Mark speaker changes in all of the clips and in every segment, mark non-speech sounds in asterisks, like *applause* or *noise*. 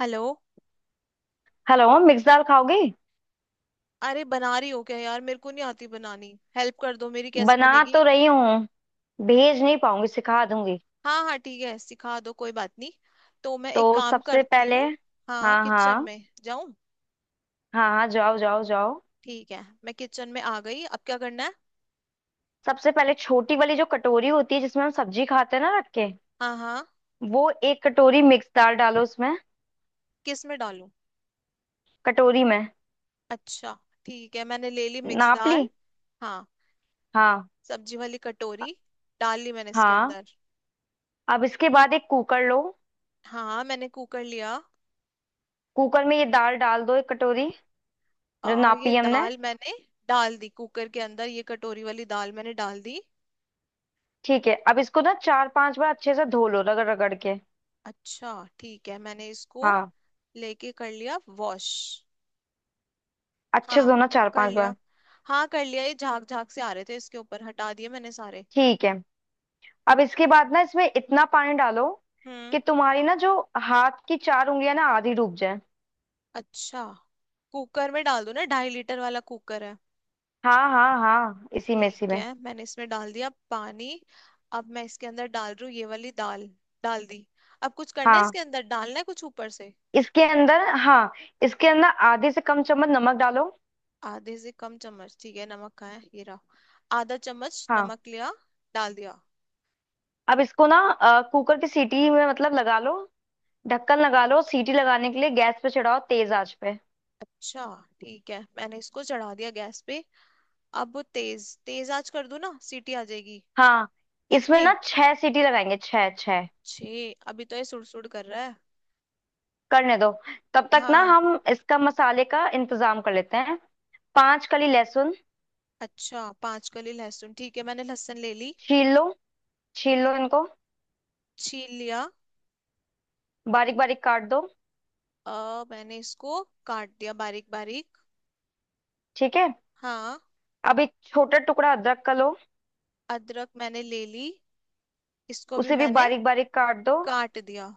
Speaker 1: Hello.
Speaker 2: Hello. Mix दाल खाओगी।
Speaker 1: अरे बना रही हो क्या यार, मेरे को नहीं आती बनानी। हेल्प कर दो मेरी, कैसे
Speaker 2: बना
Speaker 1: बनेगी।
Speaker 2: तो रही हूँ। भेज नहीं पाऊंगी, सिखा दूंगी।
Speaker 1: हाँ हाँ ठीक है, सिखा दो, कोई बात नहीं। तो मैं एक
Speaker 2: तो
Speaker 1: काम
Speaker 2: सबसे
Speaker 1: करती
Speaker 2: पहले
Speaker 1: हूँ। हाँ,
Speaker 2: हाँ
Speaker 1: किचन
Speaker 2: हाँ।
Speaker 1: में जाऊँ।
Speaker 2: हाँ हाँ जाओ जाओ जाओ।
Speaker 1: ठीक है, मैं किचन में आ गई, अब क्या करना है।
Speaker 2: सबसे पहले छोटी वाली जो कटोरी होती है जिसमें हम सब्जी खाते हैं ना, रख के
Speaker 1: हाँ हाँ।
Speaker 2: वो एक कटोरी मिक्स दाल डालो उसमें।
Speaker 1: किस में डालूं।
Speaker 2: कटोरी में।
Speaker 1: अच्छा। ठीक है, मैंने ले ली मिक्स
Speaker 2: नाप ली।
Speaker 1: दाल। हाँ।
Speaker 2: हाँ
Speaker 1: सब्जी वाली कटोरी डाल ली मैंने इसके
Speaker 2: हाँ।
Speaker 1: अंदर।
Speaker 2: अब इसके बाद एक कुकर लो।
Speaker 1: हाँ, मैंने कुकर लिया।
Speaker 2: कुकर में ये दाल डाल दो, एक कटोरी जो
Speaker 1: ये
Speaker 2: नापी हमने।
Speaker 1: दाल मैंने डाल दी कुकर के अंदर, ये कटोरी वाली दाल मैंने डाल दी।
Speaker 2: ठीक है, अब इसको ना चार पांच बार अच्छे से धो लो रगड़ रगड़ के।
Speaker 1: अच्छा। ठीक है, मैंने इसको
Speaker 2: हाँ।
Speaker 1: लेके कर लिया वॉश।
Speaker 2: अच्छे से
Speaker 1: हाँ
Speaker 2: धोना चार
Speaker 1: कर
Speaker 2: पांच
Speaker 1: लिया।
Speaker 2: बार।
Speaker 1: हाँ कर लिया, ये झाग झाग से आ रहे थे इसके ऊपर, हटा दिए मैंने सारे।
Speaker 2: ठीक है, अब इसके बाद ना इसमें इतना पानी डालो
Speaker 1: हम्म।
Speaker 2: कि तुम्हारी ना जो हाथ की चार उंगलियां ना आधी डूब जाए।
Speaker 1: अच्छा, कुकर में डाल दूं ना, 2.5 लीटर वाला कुकर है।
Speaker 2: हाँ हाँ हाँ, इसी में इसी
Speaker 1: ठीक
Speaker 2: में।
Speaker 1: है, मैंने इसमें डाल दिया पानी। अब मैं इसके अंदर डाल रही हूँ ये वाली दाल। डाल दी। अब कुछ करना है,
Speaker 2: हाँ
Speaker 1: इसके अंदर डालना है कुछ ऊपर से।
Speaker 2: इसके अंदर। हाँ इसके अंदर आधे से कम चम्मच नमक डालो।
Speaker 1: आधे से कम चम्मच ठीक है, नमक कहाँ है, ये रहा। आधा चम्मच
Speaker 2: हाँ।
Speaker 1: नमक लिया। डाल दिया।
Speaker 2: अब इसको ना कुकर की सीटी में मतलब लगा लो, ढक्कन लगा लो, सीटी लगाने के लिए गैस पे चढ़ाओ तेज आंच पे।
Speaker 1: अच्छा। ठीक है मैंने इसको चढ़ा दिया गैस पे। अब वो तेज तेज आंच कर दूं ना, सीटी आ जाएगी।
Speaker 2: हाँ, इसमें
Speaker 1: कितनी?
Speaker 2: ना छह सीटी लगाएंगे, छह छह।
Speaker 1: 6? अभी तो ये सुड़ सुड़ कर रहा है।
Speaker 2: करने दो, तब तक ना
Speaker 1: हाँ।
Speaker 2: हम इसका मसाले का इंतजाम कर लेते हैं। पांच कली लहसुन
Speaker 1: अच्छा, 5 कली लहसुन ठीक है, मैंने लहसुन ले ली।
Speaker 2: छील लो, छील लो इनको।
Speaker 1: छील लिया।
Speaker 2: बारीक बारीक काट दो।
Speaker 1: मैंने इसको काट दिया बारीक बारीक।
Speaker 2: ठीक है।
Speaker 1: हाँ।
Speaker 2: अब एक छोटा टुकड़ा अदरक का लो।
Speaker 1: अदरक मैंने ले ली। इसको भी
Speaker 2: उसे भी
Speaker 1: मैंने
Speaker 2: बारीक बारीक काट दो।
Speaker 1: काट दिया।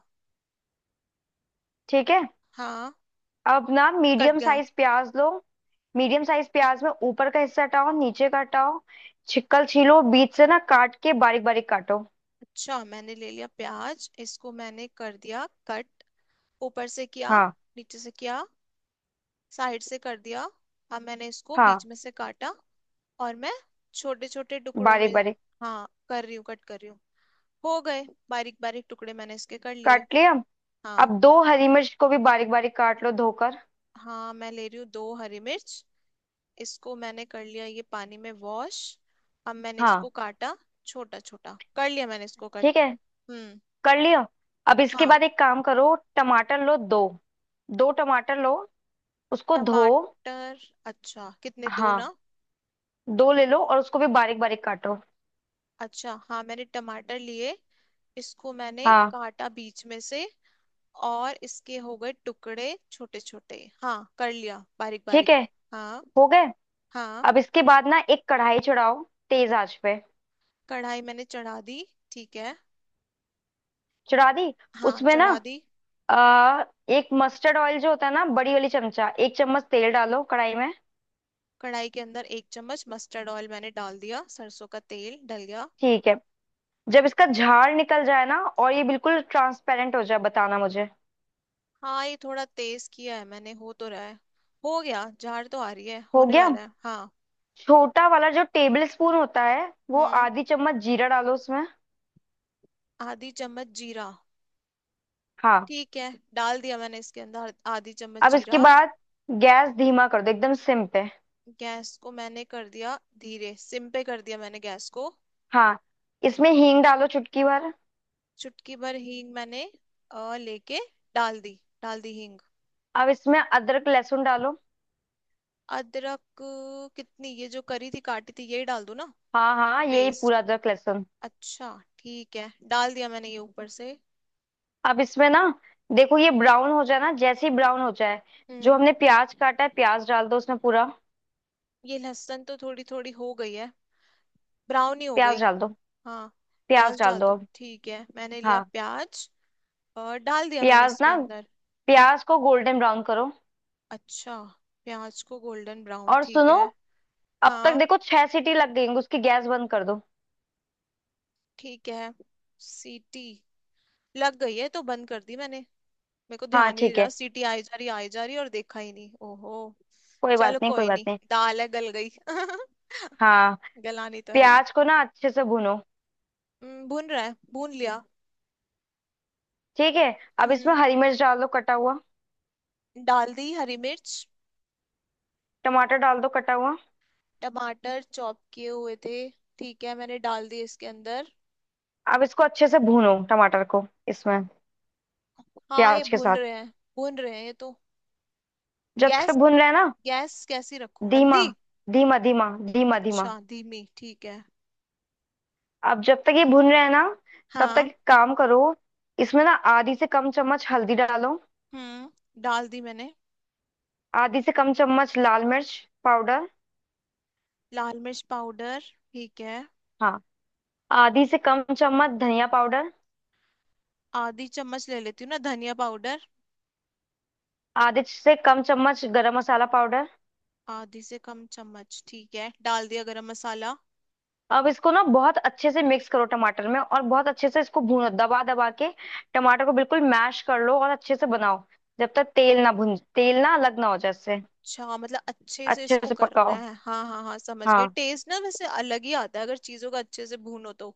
Speaker 2: ठीक है।
Speaker 1: हाँ,
Speaker 2: अब ना
Speaker 1: कट
Speaker 2: मीडियम
Speaker 1: गया।
Speaker 2: साइज प्याज लो। मीडियम साइज प्याज में ऊपर का हिस्सा हटाओ, नीचे का हटाओ, छिकल छीलो, बीच से ना काट के बारीक बारीक काटो।
Speaker 1: अच्छा, मैंने ले लिया प्याज, इसको मैंने कर दिया कट। ऊपर से किया।
Speaker 2: हाँ।
Speaker 1: नीचे से किया। साइड से कर दिया। अब मैंने इसको
Speaker 2: हाँ,
Speaker 1: बीच में से काटा। और मैं छोटे छोटे टुकड़ों
Speaker 2: बारीक
Speaker 1: में।
Speaker 2: बारीक
Speaker 1: हाँ कर रही हूँ, कट कर रही हूँ। हो गए बारीक बारीक टुकड़े, मैंने इसके कर लिए।
Speaker 2: काट लिया।
Speaker 1: हाँ।
Speaker 2: अब दो हरी मिर्च को भी बारीक बारीक काट लो धोकर।
Speaker 1: हाँ, मैं ले रही हूँ 2 हरी मिर्च। इसको मैंने कर लिया ये पानी में वॉश। अब मैंने
Speaker 2: हाँ।
Speaker 1: इसको काटा। छोटा छोटा कर लिया मैंने इसको
Speaker 2: ठीक
Speaker 1: कट।
Speaker 2: है।
Speaker 1: हम्म।
Speaker 2: कर लिया। अब इसके
Speaker 1: हाँ।
Speaker 2: बाद एक काम करो, टमाटर लो दो। दो टमाटर लो, उसको धो।
Speaker 1: टमाटर। अच्छा, कितने, दो ना।
Speaker 2: हाँ, दो ले लो और उसको भी बारीक बारीक काटो।
Speaker 1: अच्छा, हाँ मैंने टमाटर लिए। इसको मैंने
Speaker 2: हाँ।
Speaker 1: काटा बीच में से। और इसके हो गए टुकड़े छोटे छोटे। हाँ कर लिया बारीक
Speaker 2: ठीक है।
Speaker 1: बारीक। हाँ।
Speaker 2: हो गए।
Speaker 1: हाँ।
Speaker 2: अब इसके बाद ना एक कढ़ाई चढ़ाओ, तेज आंच पे।
Speaker 1: कढ़ाई मैंने चढ़ा दी। ठीक है।
Speaker 2: चढ़ा दी।
Speaker 1: हाँ
Speaker 2: उसमें ना
Speaker 1: चढ़ा दी।
Speaker 2: आ, एक मस्टर्ड ऑयल जो होता है ना, बड़ी वाली चमचा एक चम्मच तेल डालो कढ़ाई में।
Speaker 1: कढ़ाई के अंदर 1 चम्मच मस्टर्ड ऑयल मैंने डाल दिया, सरसों का तेल डल गया।
Speaker 2: ठीक है। जब इसका झाड़ निकल जाए ना और ये बिल्कुल ट्रांसपेरेंट हो जाए, बताना मुझे।
Speaker 1: हाँ, ये थोड़ा तेज किया है मैंने, हो तो रहा है। हो गया, झाड़ तो आ रही है,
Speaker 2: हो
Speaker 1: होने
Speaker 2: गया।
Speaker 1: वाला है, हाँ।
Speaker 2: छोटा वाला जो टेबल स्पून होता है, वो
Speaker 1: हम्म।
Speaker 2: आधी चम्मच जीरा डालो उसमें।
Speaker 1: आधी चम्मच जीरा
Speaker 2: हाँ।
Speaker 1: ठीक है। डाल दिया मैंने इसके अंदर आधी चम्मच
Speaker 2: अब इसके
Speaker 1: जीरा।
Speaker 2: बाद गैस धीमा कर दो एकदम सिम पे।
Speaker 1: गैस को मैंने कर दिया धीरे, सिम पे कर दिया मैंने गैस को।
Speaker 2: हाँ, इसमें हींग डालो चुटकी भर।
Speaker 1: चुटकी भर हींग मैंने लेके डाल दी, डाल दी हींग।
Speaker 2: अब इसमें अदरक लहसुन डालो।
Speaker 1: अदरक कितनी, ये जो करी थी, काटी थी, यही डाल दूं ना।
Speaker 2: हाँ हाँ, यही
Speaker 1: पेस्ट।
Speaker 2: पूरा अदरक लहसुन।
Speaker 1: अच्छा। ठीक है, डाल दिया मैंने ये ऊपर से।
Speaker 2: अब इसमें ना देखो ये ब्राउन हो जाए ना, जैसे ही ब्राउन हो जाए जो
Speaker 1: हम्म।
Speaker 2: हमने प्याज काटा है, प्याज डाल दो उसमें पूरा।
Speaker 1: ये लहसुन तो थोड़ी थोड़ी हो गई है, ब्राउन ही हो गई।
Speaker 2: प्याज डाल दो।
Speaker 1: हाँ,
Speaker 2: प्याज
Speaker 1: प्याज
Speaker 2: डाल
Speaker 1: डाल
Speaker 2: दो
Speaker 1: दूं
Speaker 2: अब।
Speaker 1: ठीक है, मैंने
Speaker 2: हाँ।
Speaker 1: लिया प्याज और डाल दिया मैंने
Speaker 2: प्याज
Speaker 1: इसके
Speaker 2: ना,
Speaker 1: अंदर।
Speaker 2: प्याज को गोल्डन ब्राउन करो।
Speaker 1: अच्छा, प्याज को गोल्डन ब्राउन
Speaker 2: और
Speaker 1: ठीक
Speaker 2: सुनो,
Speaker 1: है।
Speaker 2: अब तक
Speaker 1: हाँ।
Speaker 2: देखो छह सीटी लग गई होंगी, उसकी गैस बंद कर दो।
Speaker 1: ठीक है। सीटी लग गई है तो बंद कर दी मैंने। मेरे को
Speaker 2: हाँ
Speaker 1: ध्यान ही नहीं
Speaker 2: ठीक
Speaker 1: रहा,
Speaker 2: है।
Speaker 1: सीटी आई जा रही, आई जा रही और देखा ही नहीं, ओहो।
Speaker 2: कोई बात
Speaker 1: चलो
Speaker 2: नहीं, कोई
Speaker 1: कोई
Speaker 2: बात
Speaker 1: नहीं,
Speaker 2: नहीं।
Speaker 1: दाल है, गल गई *laughs*
Speaker 2: हाँ।
Speaker 1: गलानी तो है ही।
Speaker 2: प्याज को ना अच्छे से भूनो।
Speaker 1: भून रहा है, भून लिया।
Speaker 2: ठीक है, अब इसमें
Speaker 1: हम्म।
Speaker 2: हरी मिर्च डाल दो कटा हुआ।
Speaker 1: डाल दी हरी मिर्च।
Speaker 2: टमाटर डाल दो कटा हुआ।
Speaker 1: टमाटर चॉप किए हुए थे। ठीक है, मैंने डाल दिए इसके अंदर।
Speaker 2: अब इसको अच्छे से भूनो, टमाटर को इसमें
Speaker 1: हाँ, ये
Speaker 2: प्याज के
Speaker 1: भून
Speaker 2: साथ।
Speaker 1: रहे हैं। भून रहे हैं ये तो।
Speaker 2: जब तक
Speaker 1: गैस
Speaker 2: भून रहे हैं ना,
Speaker 1: गैस कैसी रखूं,
Speaker 2: धीमा
Speaker 1: मंदी?
Speaker 2: धीमा धीमा धीमा धीमा।
Speaker 1: अच्छा, धीमी ठीक है।
Speaker 2: अब जब तक ये भून रहे हैं ना, तब तक
Speaker 1: हाँ।
Speaker 2: एक काम करो, इसमें ना आधी से कम चम्मच हल्दी डालो,
Speaker 1: हम्म, डाल दी मैंने।
Speaker 2: आधी से कम चम्मच लाल मिर्च पाउडर।
Speaker 1: लाल मिर्च पाउडर ठीक है।
Speaker 2: हाँ। आधी से कम चम्मच धनिया पाउडर,
Speaker 1: आधी चम्मच ले लेती हूँ ना धनिया पाउडर।
Speaker 2: आधे से कम चम्मच गरम मसाला पाउडर।
Speaker 1: आधी से कम चम्मच ठीक है, डाल दिया गरम मसाला।
Speaker 2: अब इसको ना बहुत अच्छे से मिक्स करो टमाटर में, और बहुत अच्छे से इसको भूनो दबा दबा के। टमाटर को बिल्कुल मैश कर लो और अच्छे से बनाओ, जब तक तेल ना भुन, तेल ना अलग ना हो जाए इससे।
Speaker 1: अच्छा, मतलब अच्छे से
Speaker 2: अच्छे
Speaker 1: इसको
Speaker 2: से
Speaker 1: करना
Speaker 2: पकाओ।
Speaker 1: है, हाँ हाँ हाँ समझ गए,
Speaker 2: हाँ
Speaker 1: टेस्ट ना वैसे अलग ही आता है अगर चीजों का अच्छे से भूनो तो।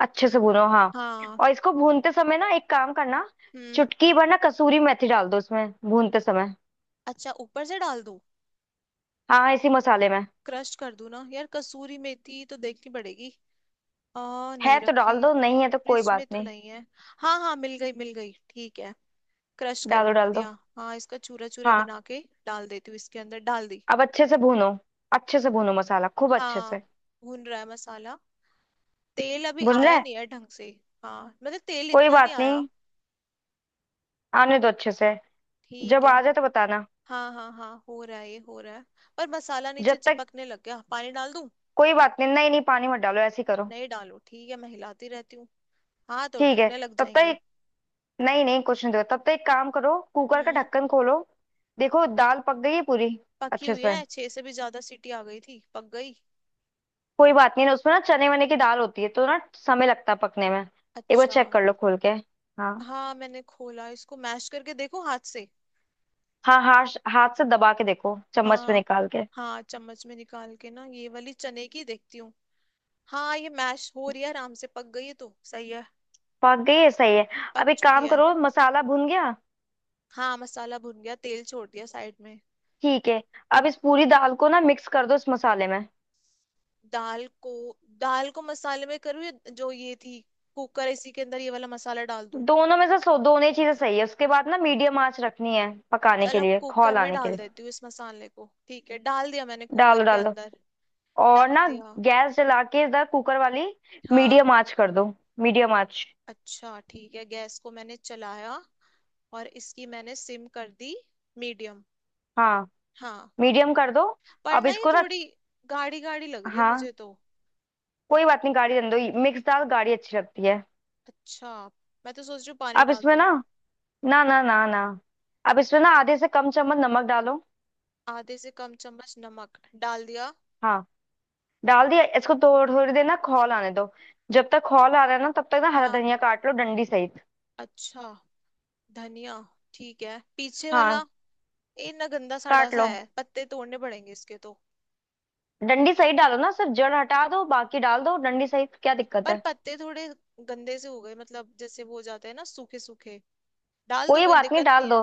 Speaker 2: अच्छे से भूनो। हाँ,
Speaker 1: हाँ।
Speaker 2: और इसको भूनते समय ना एक काम करना,
Speaker 1: हम्म।
Speaker 2: चुटकी भर ना कसूरी मेथी डाल दो उसमें भूनते समय।
Speaker 1: अच्छा, ऊपर से डाल दूं।
Speaker 2: हाँ इसी मसाले में।
Speaker 1: क्रश कर दूं ना यार, कसूरी मेथी तो देखनी पड़ेगी। आ
Speaker 2: है
Speaker 1: नहीं
Speaker 2: तो
Speaker 1: रखी।
Speaker 2: डाल दो, नहीं है तो कोई
Speaker 1: फ्रिज में
Speaker 2: बात
Speaker 1: तो
Speaker 2: नहीं।
Speaker 1: नहीं है। हाँ हाँ मिल गई ठीक है। क्रश कर
Speaker 2: डालो डाल दो।
Speaker 1: दिया। हाँ, इसका चूरा चूरा
Speaker 2: हाँ।
Speaker 1: बना के डाल देती हूँ इसके अंदर, डाल दी।
Speaker 2: अब अच्छे से भूनो, अच्छे से भूनो मसाला खूब अच्छे
Speaker 1: हाँ,
Speaker 2: से।
Speaker 1: भून रहा है मसाला, तेल अभी
Speaker 2: भुन रहा
Speaker 1: आया
Speaker 2: है।
Speaker 1: नहीं है ढंग से। हाँ, मतलब तेल
Speaker 2: कोई
Speaker 1: इतना नहीं
Speaker 2: बात
Speaker 1: आया।
Speaker 2: नहीं, आने दो अच्छे से।
Speaker 1: ठीक
Speaker 2: जब
Speaker 1: है।
Speaker 2: आ जाए तो बताना।
Speaker 1: हाँ हाँ हाँ, हो रहा है, ये हो रहा है। पर मसाला नीचे
Speaker 2: जब तक,
Speaker 1: चिपकने लग गया, पानी डाल दूं?
Speaker 2: कोई बात नहीं, नहीं नहीं पानी मत डालो, ऐसे ही करो।
Speaker 1: नहीं डालो ठीक है, मैं हिलाती रहती हूँ। हाथ और
Speaker 2: ठीक है,
Speaker 1: दुखने लग
Speaker 2: तब तक
Speaker 1: जाएंगे।
Speaker 2: नहीं नहीं कुछ नहीं दो, तब तक एक काम करो, कुकर का
Speaker 1: हम्म।
Speaker 2: ढक्कन खोलो। देखो दाल पक गई है पूरी।
Speaker 1: पकी
Speaker 2: अच्छे
Speaker 1: हुई
Speaker 2: से।
Speaker 1: है, 6 से भी ज्यादा सीटी आ गई थी, पक गई।
Speaker 2: कोई बात नहीं ना, उसमें ना चने वने की दाल होती है तो ना समय लगता है पकने में। एक बार
Speaker 1: अच्छा।
Speaker 2: चेक कर लो खोल के। हाँ
Speaker 1: हाँ मैंने खोला, इसको मैश करके देखो हाथ से।
Speaker 2: हाँ, हाथ हाथ से दबा के देखो, चम्मच में
Speaker 1: हाँ।
Speaker 2: निकाल के।
Speaker 1: हाँ, चम्मच में निकाल के ना, ये वाली चने की देखती हूँ। हाँ, ये मैश हो रही है आराम से, पक गई है तो सही है।
Speaker 2: पक गई है, सही है।
Speaker 1: पक
Speaker 2: अब एक
Speaker 1: चुकी
Speaker 2: काम
Speaker 1: है।
Speaker 2: करो, मसाला भुन गया।
Speaker 1: हाँ, मसाला भुन गया, तेल छोड़ दिया साइड में।
Speaker 2: ठीक है, अब इस पूरी दाल को ना मिक्स कर दो इस मसाले में।
Speaker 1: दाल को दाल को मसाले में करूँ या जो ये थी कुकर इसी के अंदर ये वाला मसाला डाल दूं।
Speaker 2: दोनों में से, सो दोनों ही चीजें सही है। उसके बाद ना मीडियम आंच रखनी है पकाने के
Speaker 1: चलो
Speaker 2: लिए, खौल
Speaker 1: कुकर में
Speaker 2: आने के
Speaker 1: डाल
Speaker 2: लिए।
Speaker 1: देती हूँ इस मसाले को, ठीक है, डाल दिया मैंने
Speaker 2: डालो
Speaker 1: कुकर के
Speaker 2: डालो
Speaker 1: अंदर।
Speaker 2: और
Speaker 1: डाल
Speaker 2: ना
Speaker 1: दिया।
Speaker 2: गैस जला के इधर कुकर वाली
Speaker 1: हाँ।
Speaker 2: मीडियम आंच कर दो। मीडियम आंच।
Speaker 1: अच्छा ठीक है, गैस को मैंने चलाया और इसकी मैंने सिम कर दी। मीडियम।
Speaker 2: हाँ,
Speaker 1: हाँ।
Speaker 2: मीडियम कर दो।
Speaker 1: पर
Speaker 2: अब
Speaker 1: ना ये
Speaker 2: इसको ना,
Speaker 1: थोड़ी गाढ़ी गाढ़ी लग रही है
Speaker 2: हाँ,
Speaker 1: मुझे तो।
Speaker 2: कोई बात नहीं, गाड़ी रहने दो, मिक्स दाल गाढ़ी अच्छी लगती है।
Speaker 1: अच्छा। मैं तो सोच रही हूँ पानी
Speaker 2: अब
Speaker 1: डाल
Speaker 2: इसमें
Speaker 1: दूं।
Speaker 2: ना, ना ना ना ना, अब इसमें ना आधे से कम चम्मच नमक डालो।
Speaker 1: आधे से कम चम्मच नमक डाल दिया।
Speaker 2: हाँ। डाल दिया, इसको थोड़ी थोड़ी देर ना खौल आने दो। जब तक खौल आ रहा है ना, तब तक ना हरा
Speaker 1: हाँ।
Speaker 2: धनिया काट लो डंडी सहित।
Speaker 1: अच्छा, धनिया ठीक है, पीछे वाला।
Speaker 2: हाँ।
Speaker 1: ये ना गंदा सड़ा
Speaker 2: काट
Speaker 1: सा
Speaker 2: लो,
Speaker 1: है, पत्ते तोड़ने पड़ेंगे इसके तो।
Speaker 2: डंडी सहित डालो ना, सिर्फ जड़ हटा दो, बाकी डाल दो डंडी सहित, क्या दिक्कत
Speaker 1: पर
Speaker 2: है।
Speaker 1: पत्ते थोड़े गंदे से हो गए, मतलब जैसे वो हो जाते हैं ना, सूखे सूखे। डाल दो,
Speaker 2: कोई
Speaker 1: कोई
Speaker 2: बात नहीं
Speaker 1: दिक्कत
Speaker 2: डाल
Speaker 1: नहीं है।
Speaker 2: दो,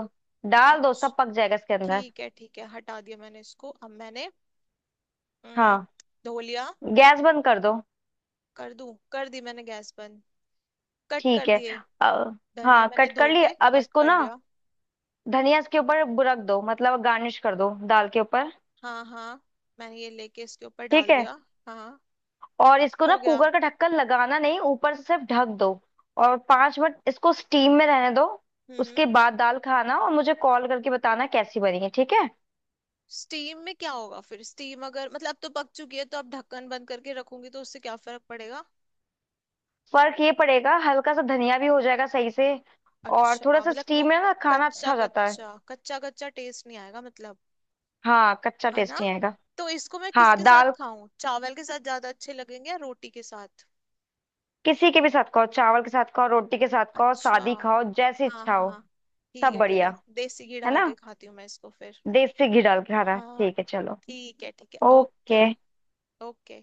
Speaker 2: डाल दो,
Speaker 1: अच्छा
Speaker 2: सब पक जाएगा इसके अंदर।
Speaker 1: ठीक है ठीक है, हटा दिया मैंने इसको, अब मैंने हम्म,
Speaker 2: हाँ।
Speaker 1: धो लिया।
Speaker 2: गैस बंद कर दो।
Speaker 1: कर दूं, कर दी मैंने गैस बंद। कट
Speaker 2: ठीक
Speaker 1: कर
Speaker 2: है।
Speaker 1: दिए
Speaker 2: अ,
Speaker 1: धनिया,
Speaker 2: हाँ
Speaker 1: मैंने
Speaker 2: कट कर
Speaker 1: धो
Speaker 2: लिए,
Speaker 1: के
Speaker 2: अब
Speaker 1: कट
Speaker 2: इसको
Speaker 1: कर
Speaker 2: ना
Speaker 1: लिया।
Speaker 2: धनिया इसके ऊपर रख दो, मतलब गार्निश कर दो दाल के ऊपर।
Speaker 1: हाँ हाँ। मैंने ये लेके इसके ऊपर
Speaker 2: ठीक
Speaker 1: डाल
Speaker 2: है,
Speaker 1: दिया। हाँ,
Speaker 2: और इसको ना
Speaker 1: हो गया।
Speaker 2: कुकर का ढक्कन लगाना नहीं, ऊपर से सिर्फ ढक दो, और 5 मिनट इसको स्टीम में रहने दो।
Speaker 1: हम्म।
Speaker 2: उसके बाद दाल खाना और मुझे कॉल करके बताना कैसी बनी है, ठीक है।
Speaker 1: स्टीम में क्या होगा फिर, स्टीम अगर मतलब अब तो पक चुकी है तो अब ढक्कन बंद करके रखूंगी तो उससे क्या फर्क पड़ेगा।
Speaker 2: फर्क ये पड़ेगा, हल्का सा धनिया भी हो जाएगा सही से, और थोड़ा
Speaker 1: अच्छा,
Speaker 2: सा
Speaker 1: मतलब वो
Speaker 2: स्टीम में ना खाना अच्छा
Speaker 1: कच्चा
Speaker 2: हो जाता है।
Speaker 1: कच्चा, कच्चा कच्चा टेस्ट नहीं आएगा मतलब,
Speaker 2: हाँ कच्चा
Speaker 1: है ना।
Speaker 2: टेस्टी आएगा।
Speaker 1: तो इसको मैं
Speaker 2: हाँ
Speaker 1: किसके साथ
Speaker 2: दाल
Speaker 1: खाऊं, चावल के साथ ज्यादा अच्छे लगेंगे या रोटी के साथ।
Speaker 2: किसी के भी साथ खाओ, चावल के साथ खाओ, रोटी के साथ खाओ,
Speaker 1: अच्छा,
Speaker 2: सादी खाओ, जैसी
Speaker 1: हाँ
Speaker 2: इच्छा
Speaker 1: हाँ
Speaker 2: हो,
Speaker 1: हाँ। ठीक
Speaker 2: सब
Speaker 1: है ठीक है,
Speaker 2: बढ़िया।
Speaker 1: देसी घी
Speaker 2: है
Speaker 1: डाल
Speaker 2: ना,
Speaker 1: के खाती हूँ मैं इसको फिर।
Speaker 2: देसी घी डाल के खाना,
Speaker 1: हाँ।
Speaker 2: ठीक है, चलो।
Speaker 1: ठीक है
Speaker 2: ओके।
Speaker 1: ओके। ओके।